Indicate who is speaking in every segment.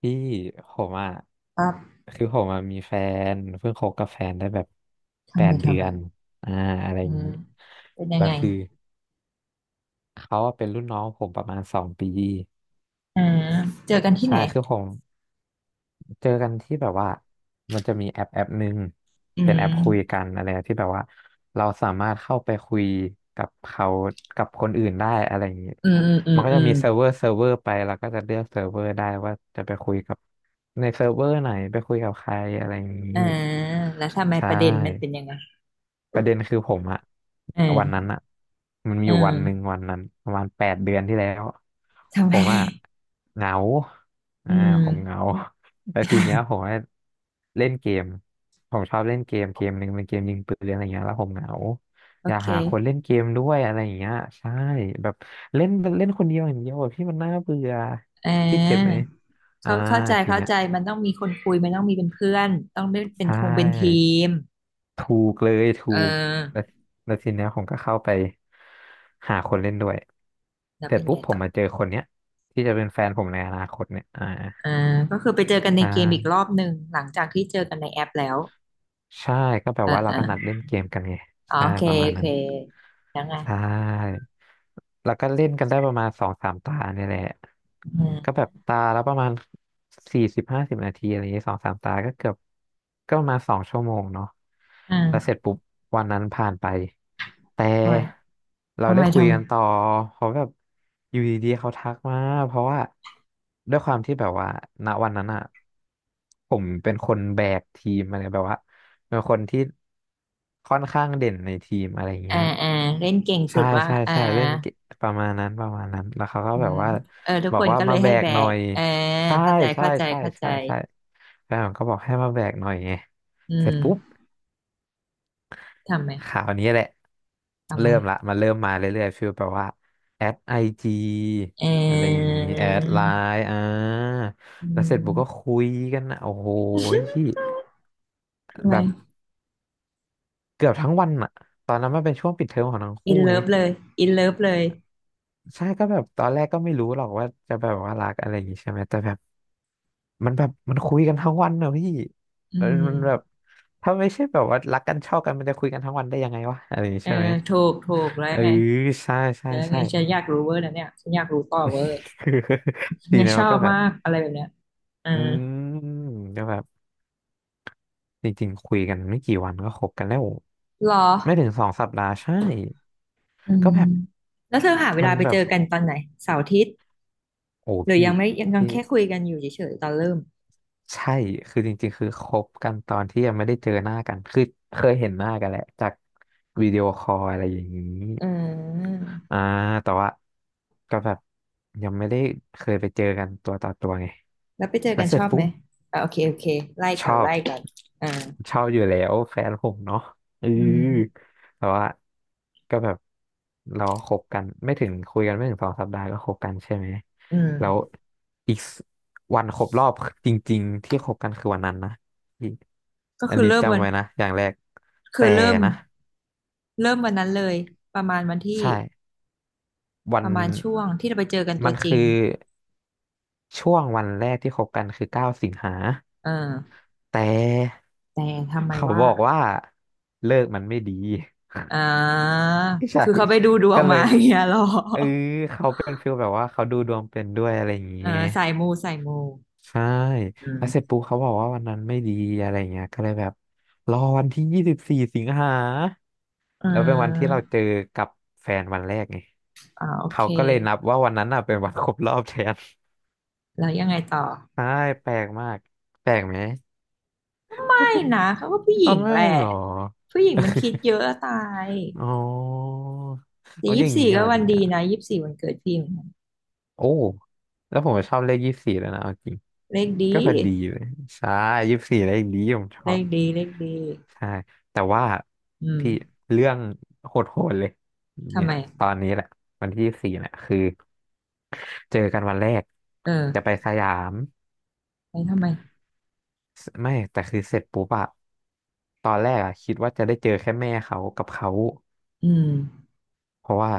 Speaker 1: พี่ผมอ่ะ
Speaker 2: ปั๊บ
Speaker 1: คือผมอ่ะมีแฟนเพิ่งคบกับแฟนได้แบบแป
Speaker 2: ทำไม
Speaker 1: ดเดื
Speaker 2: ทำไม
Speaker 1: อนอ่าอะไรอ
Speaker 2: อื
Speaker 1: ย่าง
Speaker 2: ม
Speaker 1: นี้
Speaker 2: เป็นยัง
Speaker 1: แล้ว
Speaker 2: ไง
Speaker 1: คือเขาอะเป็นรุ่นน้องผมประมาณ2 ปี
Speaker 2: อ่าเจอกันที่ไห
Speaker 1: ใช่
Speaker 2: น
Speaker 1: คือผม เจอกันที่แบบว่ามันจะมีแอปหนึ่ง
Speaker 2: อื
Speaker 1: เป็น
Speaker 2: ม
Speaker 1: แอปคุยกันอะไรที่แบบว่าเราสามารถเข้าไปคุยกับเขากับคนอื่นได้อะไรอย่างนี้
Speaker 2: อืมอืมอื
Speaker 1: มั
Speaker 2: ม
Speaker 1: นก็
Speaker 2: อื
Speaker 1: จะ
Speaker 2: ม
Speaker 1: มีเซิร์ฟเวอร์ไปเราก็จะเลือกเซิร์ฟเวอร์ได้ว่าจะไปคุยกับในเซิร์ฟเวอร์ไหนไปคุยกับใครอะไรอย่างนี้
Speaker 2: อ่าแล้วทำไม
Speaker 1: ใช่
Speaker 2: ประเด็นมันเป็นยังไง
Speaker 1: ประเด็นคือผมอะ
Speaker 2: อ่า
Speaker 1: วันนั้นอะมันมี
Speaker 2: อื
Speaker 1: อยู่
Speaker 2: ม
Speaker 1: วันหนึ่งวันนั้นประมาณแปดเดือนที่แล้ว
Speaker 2: ทำ
Speaker 1: ผ
Speaker 2: ไม
Speaker 1: มอะเหงา
Speaker 2: อื
Speaker 1: อ่า
Speaker 2: ม
Speaker 1: ผมเหงา แล้วทีเนี้ยผมก็เล่นเกมผมชอบเล่นเกมเกมหนึ่งเป็นเกมยิงปืนอะไรเงี้ยแล้วผมเหงา
Speaker 2: โอ
Speaker 1: อยาก
Speaker 2: เค
Speaker 1: หาคนเล่นเกมด้วยอะไรอย่างเงี้ยใช่แบบเล่นเล่นคนเดียวอย่างเดียวอะพี่มันน่าเบื่อ
Speaker 2: อ่
Speaker 1: พี่เก็ตไห
Speaker 2: า
Speaker 1: มอ่า
Speaker 2: เข้า
Speaker 1: ที
Speaker 2: เข้า
Speaker 1: เนี้ย
Speaker 2: ใจมันต้องมีคนคุยมันต้องมีเป็นเพื่อนต้องไม่เป็
Speaker 1: ใช
Speaker 2: นทงเป็นที
Speaker 1: ่
Speaker 2: ม
Speaker 1: ถูกเลยถู
Speaker 2: เ
Speaker 1: กแล้
Speaker 2: ออ
Speaker 1: วแล้วทีเนี้ยผมก็เข้าไปหาคนเล่นด้วย
Speaker 2: แล้ว
Speaker 1: เสร็
Speaker 2: เป็
Speaker 1: จ
Speaker 2: น
Speaker 1: ปุ๊
Speaker 2: ไง
Speaker 1: บผ
Speaker 2: ต่
Speaker 1: ม
Speaker 2: อ
Speaker 1: มาเจอคนเนี้ยที่จะเป็นแฟนผมในอนาคตเนี่ย
Speaker 2: อ่าก็คือไปเจอกัน
Speaker 1: อ
Speaker 2: ในเกมอีก
Speaker 1: ่า
Speaker 2: รอบหนึ่งหลังจากที่เจอกันในแอปแล้ว
Speaker 1: ใช่ก็แบบ
Speaker 2: อ่า
Speaker 1: ว่าเรา
Speaker 2: อ่า
Speaker 1: ก็นัดเล่นเกมกันไง
Speaker 2: อ๋อ
Speaker 1: ใช่
Speaker 2: โอเค
Speaker 1: ประมา
Speaker 2: โอ
Speaker 1: ณ
Speaker 2: เค
Speaker 1: นั้น
Speaker 2: แล้วไง
Speaker 1: ใช่ แล้วก็เล่นกันได้ประมาณสองสามตาเนี่ยแหละ
Speaker 2: อืม
Speaker 1: ก็แบบตาแล้วประมาณ40-50 นาทีอะไรอย่างเงี้ยสองสามตาก็เกือบก็ประมาณ2 ชั่วโมงเนาะ
Speaker 2: อ
Speaker 1: แล้วเสร็จ
Speaker 2: ่า
Speaker 1: ปุ๊บวันนั้นผ่านไปแต่
Speaker 2: โอ้ย
Speaker 1: เรา
Speaker 2: ทำไม
Speaker 1: ได้คุย
Speaker 2: ทำไม
Speaker 1: กันต่อเพราะแบบอยู่ดีๆเขาทักมาเพราะว่าด้วยความที่แบบว่าณวันนั้นอะผมเป็นคนแบกทีมอะไรแบบว่าเป็นคนที่ค่อนข้างเด่นในทีมอะไรอย่าง
Speaker 2: อ่า
Speaker 1: เงี้ย
Speaker 2: อ่าเล่นเก่งสุ
Speaker 1: ใช่
Speaker 2: ดว่า
Speaker 1: ใช่ใช่เล่นเกมประมาณนั้นประมาณนั้นแล้วเขาก็
Speaker 2: อื
Speaker 1: แบบ
Speaker 2: ม
Speaker 1: ว่า
Speaker 2: เออทุก
Speaker 1: บอ
Speaker 2: ค
Speaker 1: ก
Speaker 2: น
Speaker 1: ว่า
Speaker 2: ก็เล
Speaker 1: มา
Speaker 2: ย
Speaker 1: แบ
Speaker 2: ให้
Speaker 1: ก
Speaker 2: แบ
Speaker 1: หน่อ
Speaker 2: ก
Speaker 1: ย
Speaker 2: เออ
Speaker 1: ใช่
Speaker 2: เข้าใจ
Speaker 1: ใช่
Speaker 2: เข้าใจ
Speaker 1: ใช่
Speaker 2: เข้าใจ
Speaker 1: ใช่ใช่แฟนผมก็บอกให้มาแบกหน่อยไง
Speaker 2: อื
Speaker 1: เสร็จปุ๊บ
Speaker 2: มทำไม
Speaker 1: ข่าวนี้แหละ
Speaker 2: ทำไม
Speaker 1: เริ่มละมันเริ่มมาเรื่อยๆฟีลแบบว่าแอดไอจี
Speaker 2: เ
Speaker 1: อะไรอย่าง
Speaker 2: ออ
Speaker 1: นี้แอดไลน์
Speaker 2: อื
Speaker 1: แล้วเสร็จปุ๊บก็
Speaker 2: ม
Speaker 1: คุยกันนะโอ้โหพี่
Speaker 2: ทำไม
Speaker 1: แบบเกือบทั้งวันอะตอนนั้นมันเป็นช่วงปิดเทอมของทั้ง
Speaker 2: อิ
Speaker 1: คู่
Speaker 2: น
Speaker 1: ไง
Speaker 2: เลิฟเลยอินเลิฟเลย
Speaker 1: ใช่ก็แบบตอนแรกก็ไม่รู้หรอกว่าจะแบบว่ารักอะไรอย่างงี้ใช่ไหมแต่แบบมันคุยกันทั้งวันเนอะพี่
Speaker 2: อื
Speaker 1: เออ
Speaker 2: ม
Speaker 1: มันแบบถ้าไม่ใช่แบบว่ารักกันชอบกันมันจะคุยกันทั้งวันได้ยังไงวะอะไรอย่างงี้
Speaker 2: เออ
Speaker 1: ใช่ไหม
Speaker 2: ถูกถูกแล้ว
Speaker 1: เออ
Speaker 2: ไง
Speaker 1: ใช่ใช่
Speaker 2: แล้วไง
Speaker 1: ใช่
Speaker 2: ฉันอยากรู้เวอร์นะเนี่ยฉันอยากรู้ต่อเวอร์
Speaker 1: คือที
Speaker 2: เนี่ย
Speaker 1: นั้
Speaker 2: ช
Speaker 1: มั
Speaker 2: อ
Speaker 1: นก็
Speaker 2: บ
Speaker 1: แบ
Speaker 2: มา
Speaker 1: บ
Speaker 2: กอะไรแบบเนี้ยเออ
Speaker 1: อืมก็แบบจริงๆคุยกันไม่กี่วันก็คบกันแล้ว
Speaker 2: หรอ
Speaker 1: ไม่ถึงสองสัปดาห์ใช่
Speaker 2: อื
Speaker 1: ก็
Speaker 2: ม
Speaker 1: แบบ
Speaker 2: แล้วเธอหาเว
Speaker 1: มั
Speaker 2: ลา
Speaker 1: น
Speaker 2: ไป
Speaker 1: แบ
Speaker 2: เจ
Speaker 1: บ
Speaker 2: อกันตอนไหนเสาร์อาทิตย์
Speaker 1: โอ้
Speaker 2: หรือ
Speaker 1: พี่
Speaker 2: ยังไม่ยัง
Speaker 1: พี่
Speaker 2: แค่คุยกันอยู่เฉยๆตอนเริ่ม
Speaker 1: ใช่ คือจริงๆ คือคบกันตอนที่ยังไม่ได้เจอหน้ากัน คือเคยเห็นหน้ากันแหละจากวิดีโอคอลอะไรอย่างนี้
Speaker 2: อืม
Speaker 1: อ่า แต่ว่าก็แบบยังไม่ได้เคยไปเจอกันตัวต่อตัวไง
Speaker 2: แล้วไปเจอ
Speaker 1: แล้
Speaker 2: กั
Speaker 1: ว
Speaker 2: น
Speaker 1: เส
Speaker 2: ช
Speaker 1: ร็จ
Speaker 2: อบไห
Speaker 1: ปุ๊
Speaker 2: ม
Speaker 1: บ
Speaker 2: โอเคโอเคไล่
Speaker 1: ช
Speaker 2: ก่อน
Speaker 1: อบ
Speaker 2: ไล่ก่อนอ่า
Speaker 1: ชอบอยู่แล้วแฟนผมเนาะเออ
Speaker 2: อืม
Speaker 1: แต่ว่าก็แบบเราก็คบกันไม่ถึงคุยกันไม่ถึงสองสัปดาห์ก็คบกันใช่ไหม
Speaker 2: อืม
Speaker 1: แล้วอีกสวันครบรอบจริงๆที่คบกันคือวันนั้นนะอีก
Speaker 2: ก็
Speaker 1: อัน
Speaker 2: คือ
Speaker 1: นี้
Speaker 2: เริ่มวั
Speaker 1: จำ
Speaker 2: น
Speaker 1: ไว้นะอย่างแรก
Speaker 2: คื
Speaker 1: แต่
Speaker 2: อเริ่ม
Speaker 1: นะ
Speaker 2: เริ่มวันนั้นเลยประมาณวันที่
Speaker 1: ใช่วั
Speaker 2: ป
Speaker 1: น
Speaker 2: ระมาณช่วงที่เราไปเจอกันตั
Speaker 1: มั
Speaker 2: ว
Speaker 1: น
Speaker 2: จริ
Speaker 1: คื
Speaker 2: ง
Speaker 1: อช่วงวันแรกที่คบกันคือ9 สิงหา
Speaker 2: เออ
Speaker 1: แต่
Speaker 2: แต่ทำไม
Speaker 1: เขา
Speaker 2: ว่า
Speaker 1: บอกว่าเลิกมันไม่ดี
Speaker 2: อ่า
Speaker 1: ใช่
Speaker 2: คือเขาไปดูด ว
Speaker 1: ก็
Speaker 2: ง
Speaker 1: เล
Speaker 2: มา
Speaker 1: ย
Speaker 2: อย่างเงี้ยหรอ
Speaker 1: เออเขาเป็นฟิลแบบว่าเขาดูดวงเป็นด้วยอะไรอย่าง
Speaker 2: เออ
Speaker 1: เงี้ย
Speaker 2: สายมูสายมู
Speaker 1: ใช่
Speaker 2: อื
Speaker 1: แล้วเสร็จ
Speaker 2: ม
Speaker 1: ปุ๊บเขาบอกว่าวันนั้นไม่ดีอะไรเงี้ยก็เลยแบบรอวันที่24 สิงหา
Speaker 2: อื
Speaker 1: แล้วเป็นวันที่เราเจ
Speaker 2: ม
Speaker 1: อกับแฟนวันแรกไง
Speaker 2: โอ
Speaker 1: เขา
Speaker 2: เค
Speaker 1: ก็เลยนับว่าวันนั้นน่ะเป็นวันครบรอบแทน
Speaker 2: แล้วยังไงต่อ
Speaker 1: ใช่แปลกมากแปลกไหม
Speaker 2: ไม่นะเขาก็ผู้หญิ
Speaker 1: อ๋อ
Speaker 2: ง
Speaker 1: ไม่
Speaker 2: แหละ
Speaker 1: หรอ
Speaker 2: ผู้หญิงมันคิดเยอะอะตาย
Speaker 1: อ๋อ
Speaker 2: แต่
Speaker 1: เอา
Speaker 2: ยี่
Speaker 1: อ
Speaker 2: สิ
Speaker 1: ย่า
Speaker 2: บ
Speaker 1: ง
Speaker 2: สี่
Speaker 1: นี้
Speaker 2: ก็
Speaker 1: เหรอ
Speaker 2: วัน
Speaker 1: เนี่
Speaker 2: ดี
Speaker 1: ย
Speaker 2: นะยี่สิบสี่วันเกิดพี่เหมือนกัน
Speaker 1: โอ้แล้วผมก็ชอบเลขยี่สี่แล้วนะเอาจริง
Speaker 2: เลขดี
Speaker 1: ก็พอดีเลยใช่ยี่สี่เลขนี้ผมช
Speaker 2: เล
Speaker 1: อบ
Speaker 2: ขดีเลขดี
Speaker 1: ใช่แต่ว่า
Speaker 2: อื
Speaker 1: พี่
Speaker 2: ม
Speaker 1: เรื่องโหดๆเลย
Speaker 2: ทำ
Speaker 1: เนี่
Speaker 2: ไม
Speaker 1: ยตอนนี้แหละวันที่สี่เนี่ยคือเจอกันวันแรก
Speaker 2: เอ
Speaker 1: จะไป
Speaker 2: อ
Speaker 1: สยาม
Speaker 2: ไม่ทำไม
Speaker 1: ไม่แต่คือเสร็จปุ๊บอะตอนแรกอะคิดว่าจะได้เจอแค่แม่เขากับเขา
Speaker 2: อืม
Speaker 1: เพราะว่า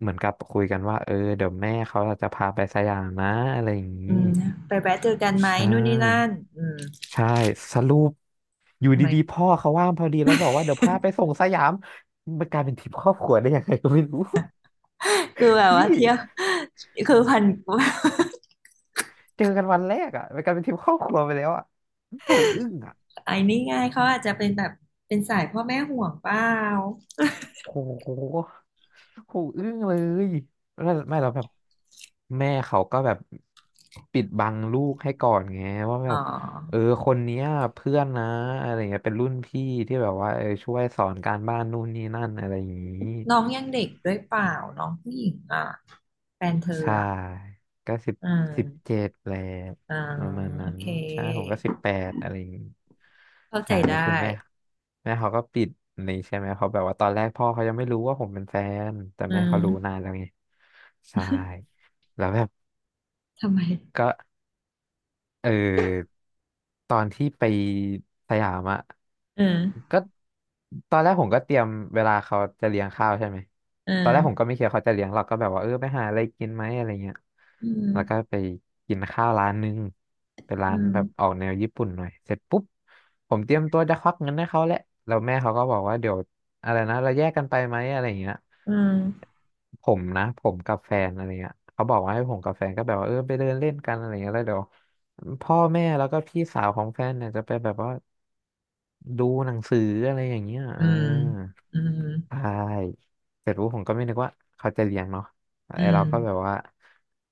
Speaker 1: เหมือนกับคุยกันว่าเออเดี๋ยวแม่เขาจะพาไปสยามนะอะไรอย่างนี้
Speaker 2: นะไปแวะเจอกันไหม
Speaker 1: ใช
Speaker 2: นู่นนี่นั่
Speaker 1: ่
Speaker 2: นอืม
Speaker 1: ใช่สรุปอยู่
Speaker 2: ทำไม
Speaker 1: ดีๆพ่อเขาว่างพอดีแล้วบอกว่าเดี๋ยวพาไปส่งสยามมันกลายเป็นทริปครอบครัวได้ยังไงก็ไม่รู้
Speaker 2: คือแบ บ
Speaker 1: พี่
Speaker 2: ว่าเที่ยว คือพัน
Speaker 1: เจอกันวันแรกอ่ะมันกลายเป็นทริปครอบครัวไปแล้วอ่ะโหอึ้งอ่ะ
Speaker 2: ไอ้นี่ไง่ายเขาอาจจะเป็นแบบเป็นสายพ่อแม่ห่วงเปล่า
Speaker 1: โหโหอึ้งเลยแล้วไม่เราแบบแม่เขาก็แบบปิดบังลูกให้ก่อนไงว่า
Speaker 2: อ๋
Speaker 1: แบ
Speaker 2: อ
Speaker 1: บเออคนเนี้ยเพื่อนนะอะไรเงี้ยเป็นรุ่นพี่ที่แบบว่าเออช่วยสอนการบ้านนู่นนี่นั่นอะไรอย่างนี้
Speaker 2: น้องยังเด็กด้วยเปล่าน้องผู้หญิงอ่ะแฟนเธอ
Speaker 1: ใช่
Speaker 2: อ่ะ
Speaker 1: ก็
Speaker 2: อื
Speaker 1: สิบเจ็
Speaker 2: ม
Speaker 1: ดแหละ
Speaker 2: อ่า
Speaker 1: ประมาณ
Speaker 2: โอ
Speaker 1: นั้น
Speaker 2: เค
Speaker 1: ใช่ผมก็18อะไรอย่างงี้
Speaker 2: เข้าใจ
Speaker 1: ใช่แล้วคื
Speaker 2: ได้
Speaker 1: อแม่เขาก็ปิดนี่ใช่ไหมเขาะแบบว่าตอนแรกพ่อเขายังไม่รู้ว่าผมเป็นแฟนแต่
Speaker 2: อ่
Speaker 1: แม่เขารู้นา
Speaker 2: า
Speaker 1: นแล้วไงใช่แล้วแบบ
Speaker 2: ทำไม
Speaker 1: ก็ เออตอนที่ไปสยามอะ
Speaker 2: อ่า
Speaker 1: ก็ตอนแรกผมก็เตรียมเวลาเขาจะเลี้ยงข้าวใช่ไหม
Speaker 2: อ่
Speaker 1: ตอนแรกผมก็
Speaker 2: า
Speaker 1: ไม่คิดว่าเขาจะเลี้ยงเรากก็แบบว่าเออไปหาอะไรกินไหมอะไรเงี้ย
Speaker 2: อืม
Speaker 1: แล้วก็ไปกินข้าวร้านนึงเป็น
Speaker 2: อื
Speaker 1: ร้าน
Speaker 2: ม
Speaker 1: แบบออกแนวญี่ปุ่นหน่อยเสร็จปุ๊บผมเตรียมตัวจะควักเงินให้เขาแหละแล้วแม่เขาก็บอกว่าเดี๋ยวอะไรนะเราแยกกันไปไหมอะไรเงี้ย
Speaker 2: อืม
Speaker 1: ผมนะผมกับแฟนอะไรเงี้ยเขาบอกว่าให้ผมกับแฟนก็แบบว่าเออไปเดินเล่นกันอะไรเงี้ยแล้วเดี๋ยวพ่อแม่แล้วก็พี่สาวของแฟนเนี่ยจะไปแบบว่าดูหนังสืออะไรอย่างเงี้ย
Speaker 2: อื
Speaker 1: อ่า
Speaker 2: มอืม
Speaker 1: ใช่เสร็จปุ๊บผมก็ไม่นึกว่าเขาจะเลี้ยงเนาะ
Speaker 2: อื
Speaker 1: ไอ
Speaker 2: ม
Speaker 1: เราก็แบบว่า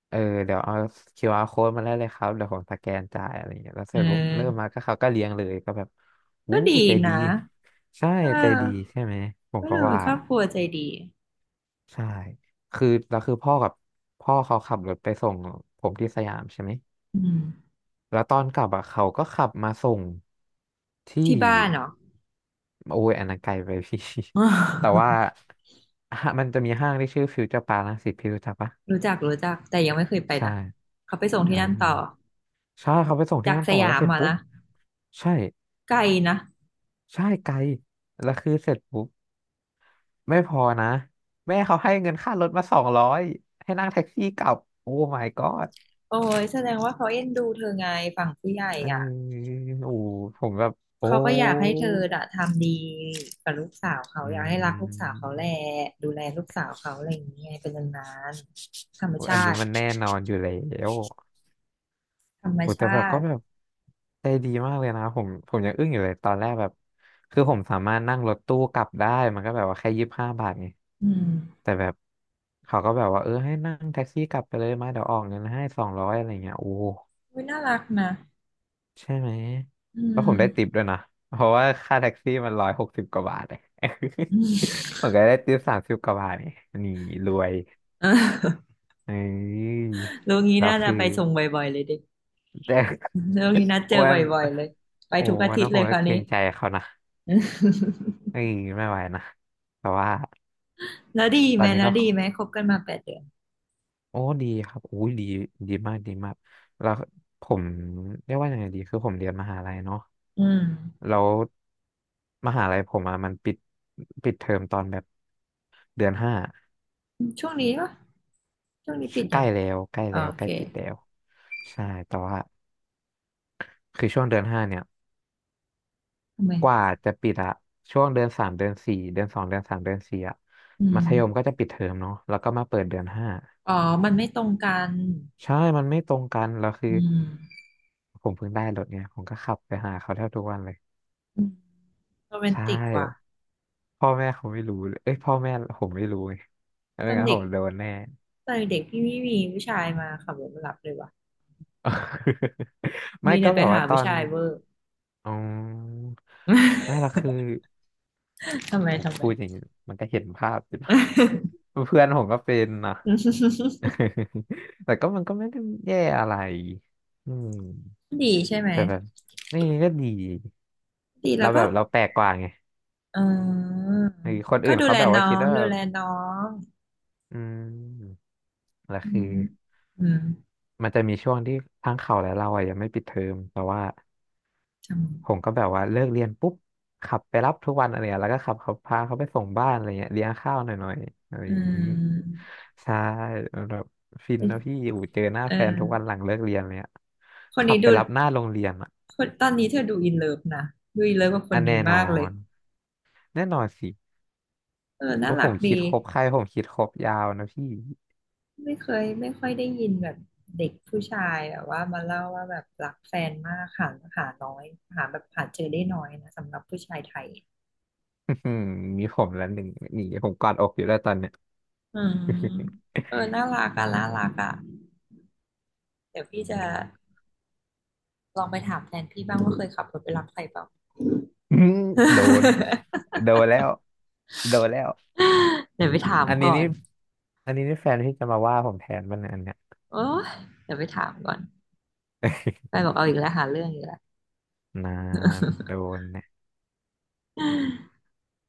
Speaker 1: เออเดี๋ยวเอาคิวอาร r code มาได้เลยครับเดี๋ยวผมสแกนจ่ายอะไรเงี้ยแล้วเส
Speaker 2: เอ
Speaker 1: ร็จปุ๊บเริ่ม
Speaker 2: อ
Speaker 1: มาก็เขาก็เลี้ยงเลยก็แบบ
Speaker 2: ก็
Speaker 1: อู้
Speaker 2: ดี
Speaker 1: ใจดี
Speaker 2: นะ
Speaker 1: ใช่
Speaker 2: เอ
Speaker 1: ใจ
Speaker 2: อ
Speaker 1: ดีใช่ไหมผม
Speaker 2: ก็
Speaker 1: ก็
Speaker 2: เลย
Speaker 1: ว่า
Speaker 2: ครอบครัวใจดี
Speaker 1: ใช่คือแล้วคือพ่อเขาขับรถไปส่งผมที่สยามใช่ไหม
Speaker 2: อืม
Speaker 1: แล้วตอนกลับอ่ะเขาก็ขับมาส่งที่
Speaker 2: ที่บ้านเหรอ
Speaker 1: โอ้ยอันนั้นไกลไปพี่
Speaker 2: อ๋อ
Speaker 1: แต่ว่า ฮะมันจะมีห้างที่ชื่อฟิวเจอร์ปาร์ครังสิตพี่รู้จักปะ
Speaker 2: รู้จักรู้จักแต่ยังไม่เคยไป
Speaker 1: ใช่
Speaker 2: นะเขาไปส่งที่
Speaker 1: อ่
Speaker 2: นั่นต่อ
Speaker 1: าใช่เขาไปส่งที่
Speaker 2: จาก
Speaker 1: นั่น
Speaker 2: ส
Speaker 1: ต่อ
Speaker 2: ยา
Speaker 1: แล้ว
Speaker 2: ม
Speaker 1: เสร็จ
Speaker 2: มา
Speaker 1: ปุ๊บ
Speaker 2: นะ
Speaker 1: ใช่
Speaker 2: ไกลนะ
Speaker 1: ใช่ไกลแล้วคือเสร็จปุ๊บไม่พอนะแม่เขาให้เงินค่ารถมาสองร้อยให้นั่งแท็กซี่กลับโอ้ my god
Speaker 2: โอ้ยแสดงว่าเขาเอ็นดูเธอไงฝั่งผู้ใหญ่
Speaker 1: เออ
Speaker 2: อ่ะ
Speaker 1: โอ้โหผมแบบโอ้
Speaker 2: เขาก็อยากให้เธออะทำดีกับลูกสาวเขา
Speaker 1: อื
Speaker 2: อยากให้รักลูกสาวเขาแหละ
Speaker 1: ม
Speaker 2: ดูแลลูกสาวเขาอะไรอย่างเงี้ยเป็นนานๆธรรม
Speaker 1: โอ้อัน
Speaker 2: ชา
Speaker 1: นี้
Speaker 2: ติ
Speaker 1: มันแน่นอนอยู่แล้ว
Speaker 2: ธรรม
Speaker 1: โอ้แต่แบ
Speaker 2: ชา
Speaker 1: บก็
Speaker 2: ติ
Speaker 1: แบบใจดีมากเลยนะผมยังอึ้งอยู่เลยตอนแรกแบบคือผมสามารถนั่งรถตู้กลับได้มันก็แบบว่าแค่25 บาทไง
Speaker 2: อืม
Speaker 1: แต่แบบเขาก็แบบว่าเออให้นั่งแท็กซี่กลับไปเลยมาเดี๋ยวออกเงินให้สองร้อยอะไรเงี้ยโอ้
Speaker 2: อุ๊ยน่ารักนะ
Speaker 1: ใช่ไหม
Speaker 2: อื
Speaker 1: แล้วผ
Speaker 2: ม
Speaker 1: มได้ติปด้วยนะเพราะว่าค่าแท็กซี่มัน160 กว่าบาท เลย
Speaker 2: อืม
Speaker 1: ผมก็ได้ติป30 กว่าบาทนี่รวย
Speaker 2: เออ
Speaker 1: เอ้ย
Speaker 2: โรงนี้
Speaker 1: แล้ว
Speaker 2: น่าจะ
Speaker 1: คือ
Speaker 2: ไปส่งบ่อยๆเลยดิ
Speaker 1: แต่
Speaker 2: โรงนี้นัดเจ อ
Speaker 1: วั
Speaker 2: บ
Speaker 1: น
Speaker 2: ่อยๆเลยไป
Speaker 1: โอ้
Speaker 2: ทุกอา
Speaker 1: วัน
Speaker 2: ทิต
Speaker 1: นั้น
Speaker 2: ย์
Speaker 1: ผ
Speaker 2: เล
Speaker 1: ม
Speaker 2: ยค
Speaker 1: ก็
Speaker 2: ราว
Speaker 1: เกร
Speaker 2: นี้
Speaker 1: งใจเขานะ เอ้ยไม่ไหวนะแต่ว่า
Speaker 2: แล้วดี
Speaker 1: ต
Speaker 2: ไห
Speaker 1: อ
Speaker 2: ม
Speaker 1: นนี้
Speaker 2: แล้
Speaker 1: ก็
Speaker 2: วดีไหมคบกันมา8 เดือน
Speaker 1: โอ้ดีครับอุ้ยดีดีมากดีมากแล้วผมเรียกว่ายังไงดีคือผมเรียนมหาลัยเนาะ
Speaker 2: อืม
Speaker 1: แล้วมหาลัยผมอะมันปิดเทอมตอนแบบเดือนห้า
Speaker 2: ช่วงนี้ปะช่วงนี้ปิด
Speaker 1: ใก
Speaker 2: ยั
Speaker 1: ล้
Speaker 2: ง
Speaker 1: แล้วใกล้
Speaker 2: อ๋อ
Speaker 1: แล้ว
Speaker 2: โอ
Speaker 1: ใก
Speaker 2: เค
Speaker 1: ล้ปิดแล้วใช่แต่ว่าคือช่วงเดือนห้าเนี่ย
Speaker 2: ทำไม
Speaker 1: กว่าจะปิดอะช่วงเดือนสามเดือนสี่เดือนสองเดือนสามเดือนสี่อะ
Speaker 2: อืม
Speaker 1: มัธยมก็จะปิดเทอมเนาะแล้วก็มาเปิดเดือนห้า
Speaker 2: อ๋อมันไม่ตรงกัน
Speaker 1: ใช่มันไม่ตรงกันแล้วคือ
Speaker 2: อืม
Speaker 1: ผมเพิ่งได้รถเนี่ยผมก็ขับไปหาเขาแทบทุกวันเลย
Speaker 2: โรแมน
Speaker 1: ใช่
Speaker 2: ติกว่ะ
Speaker 1: พ่อแม่เขาไม่รู้เลยเอ้ยพ่อแม่ผมไม่รู้ไง
Speaker 2: ต
Speaker 1: ไม่
Speaker 2: อน
Speaker 1: งั้น
Speaker 2: เด็
Speaker 1: ผ
Speaker 2: ก
Speaker 1: มโดนแน่
Speaker 2: ตอนเด็กพี่ไม่มีผู้ชายมาขับรถมารับเลยว่ะ
Speaker 1: ไม่
Speaker 2: มี
Speaker 1: ก็
Speaker 2: แต่ไป
Speaker 1: แบบ
Speaker 2: หา
Speaker 1: ว่าตอ
Speaker 2: ผู้
Speaker 1: น
Speaker 2: ชายเวอร์
Speaker 1: อืมไม่ ละคือ
Speaker 2: ทำไม
Speaker 1: เอา
Speaker 2: ทำไม
Speaker 1: พูดอย่างนี้มันก็เห็นภาพอยู่นะ เพื่อนผมก็เป็นนะ แต่ก็มันก็ไม่ได้แย่อะไรอืม
Speaker 2: ดีใช่ไหม
Speaker 1: แต่แบบนี่ก็ดี
Speaker 2: ดีแล้
Speaker 1: เรา
Speaker 2: วก็
Speaker 1: แบบเราแปลกกว่าไง
Speaker 2: เออ
Speaker 1: ไอ้คน
Speaker 2: ก็
Speaker 1: อื่น
Speaker 2: ดู
Speaker 1: เขา
Speaker 2: แล
Speaker 1: แบบ
Speaker 2: น้
Speaker 1: ว่า
Speaker 2: อ
Speaker 1: คิด
Speaker 2: ง
Speaker 1: ว่า
Speaker 2: ดู
Speaker 1: แบบ
Speaker 2: แลน้อง
Speaker 1: อืมแล้ว
Speaker 2: อื
Speaker 1: คือ
Speaker 2: มอืม
Speaker 1: มันจะมีช่วงที่ทั้งเขาและเราอะยังไม่ปิดเทอมแต่ว่า
Speaker 2: ท
Speaker 1: ผมก็แบบว่าเลิกเรียนปุ๊บขับไปรับทุกวันอะไรเงี้ยแล้วก็ขับเขาพาเขาไปส่งบ้านอะไรเงี้ยเลี้ยงข้าวหน่อยหน่อยอะไร
Speaker 2: ำ
Speaker 1: อย่างนี้
Speaker 2: ม
Speaker 1: ใช่แบบฟิน
Speaker 2: เอ๊ะ
Speaker 1: นะพี่อูเจอหน้า
Speaker 2: เออ
Speaker 1: แฟนทุกวันหลังเลิกเรียนเลยอะ
Speaker 2: คน
Speaker 1: ขั
Speaker 2: นี้
Speaker 1: บไป
Speaker 2: ดู
Speaker 1: รับหน้าโรงเรียนอะ
Speaker 2: คนตอนนี้เธอดูอินเลิฟนะดูอินเลิฟกับค
Speaker 1: อั
Speaker 2: น
Speaker 1: น
Speaker 2: นี้
Speaker 1: แน่นอ
Speaker 2: มากเลย
Speaker 1: นแน่นอนสิ
Speaker 2: เออน่า
Speaker 1: ว่า
Speaker 2: รั
Speaker 1: ผ
Speaker 2: ก
Speaker 1: ม
Speaker 2: ดี
Speaker 1: คิดครบใครผมคิดครบยาวนะพี่
Speaker 2: ไม่เคยไม่ค่อยได้ยินแบบเด็กผู้ชายแบบว่ามาเล่าว่าแบบรักแฟนมากหาหาน้อยหาแบบหาเจอได้น้อยนะสำหรับผู้ชายไทย
Speaker 1: อื้อหือมีผมแล้วหนึ่งหนีผมกอดอกอยู่แล้วตอนเนี้ย
Speaker 2: อืมเออน่ารัก
Speaker 1: อ่
Speaker 2: อะน่ารัก
Speaker 1: า
Speaker 2: อะเดี๋ยวพี่จะลองไปถามแฟนพี่บ้างว่าเคยขับรถไปรับใครเปล่า
Speaker 1: อื้อโดน โดนแล้วโดนแล้ว
Speaker 2: เดี๋ยวไปถาม
Speaker 1: อันนี้
Speaker 2: ก่อ
Speaker 1: นี่
Speaker 2: น
Speaker 1: อันนี้นี่แฟนพี่จะมาว่าผมแทนมันยอันเนี้ย
Speaker 2: โอ้เดี๋ยวไปถามก่อนไปบอกเอาอีกแล้วหาเรื่องอีกแล้ว
Speaker 1: นานโดนแน่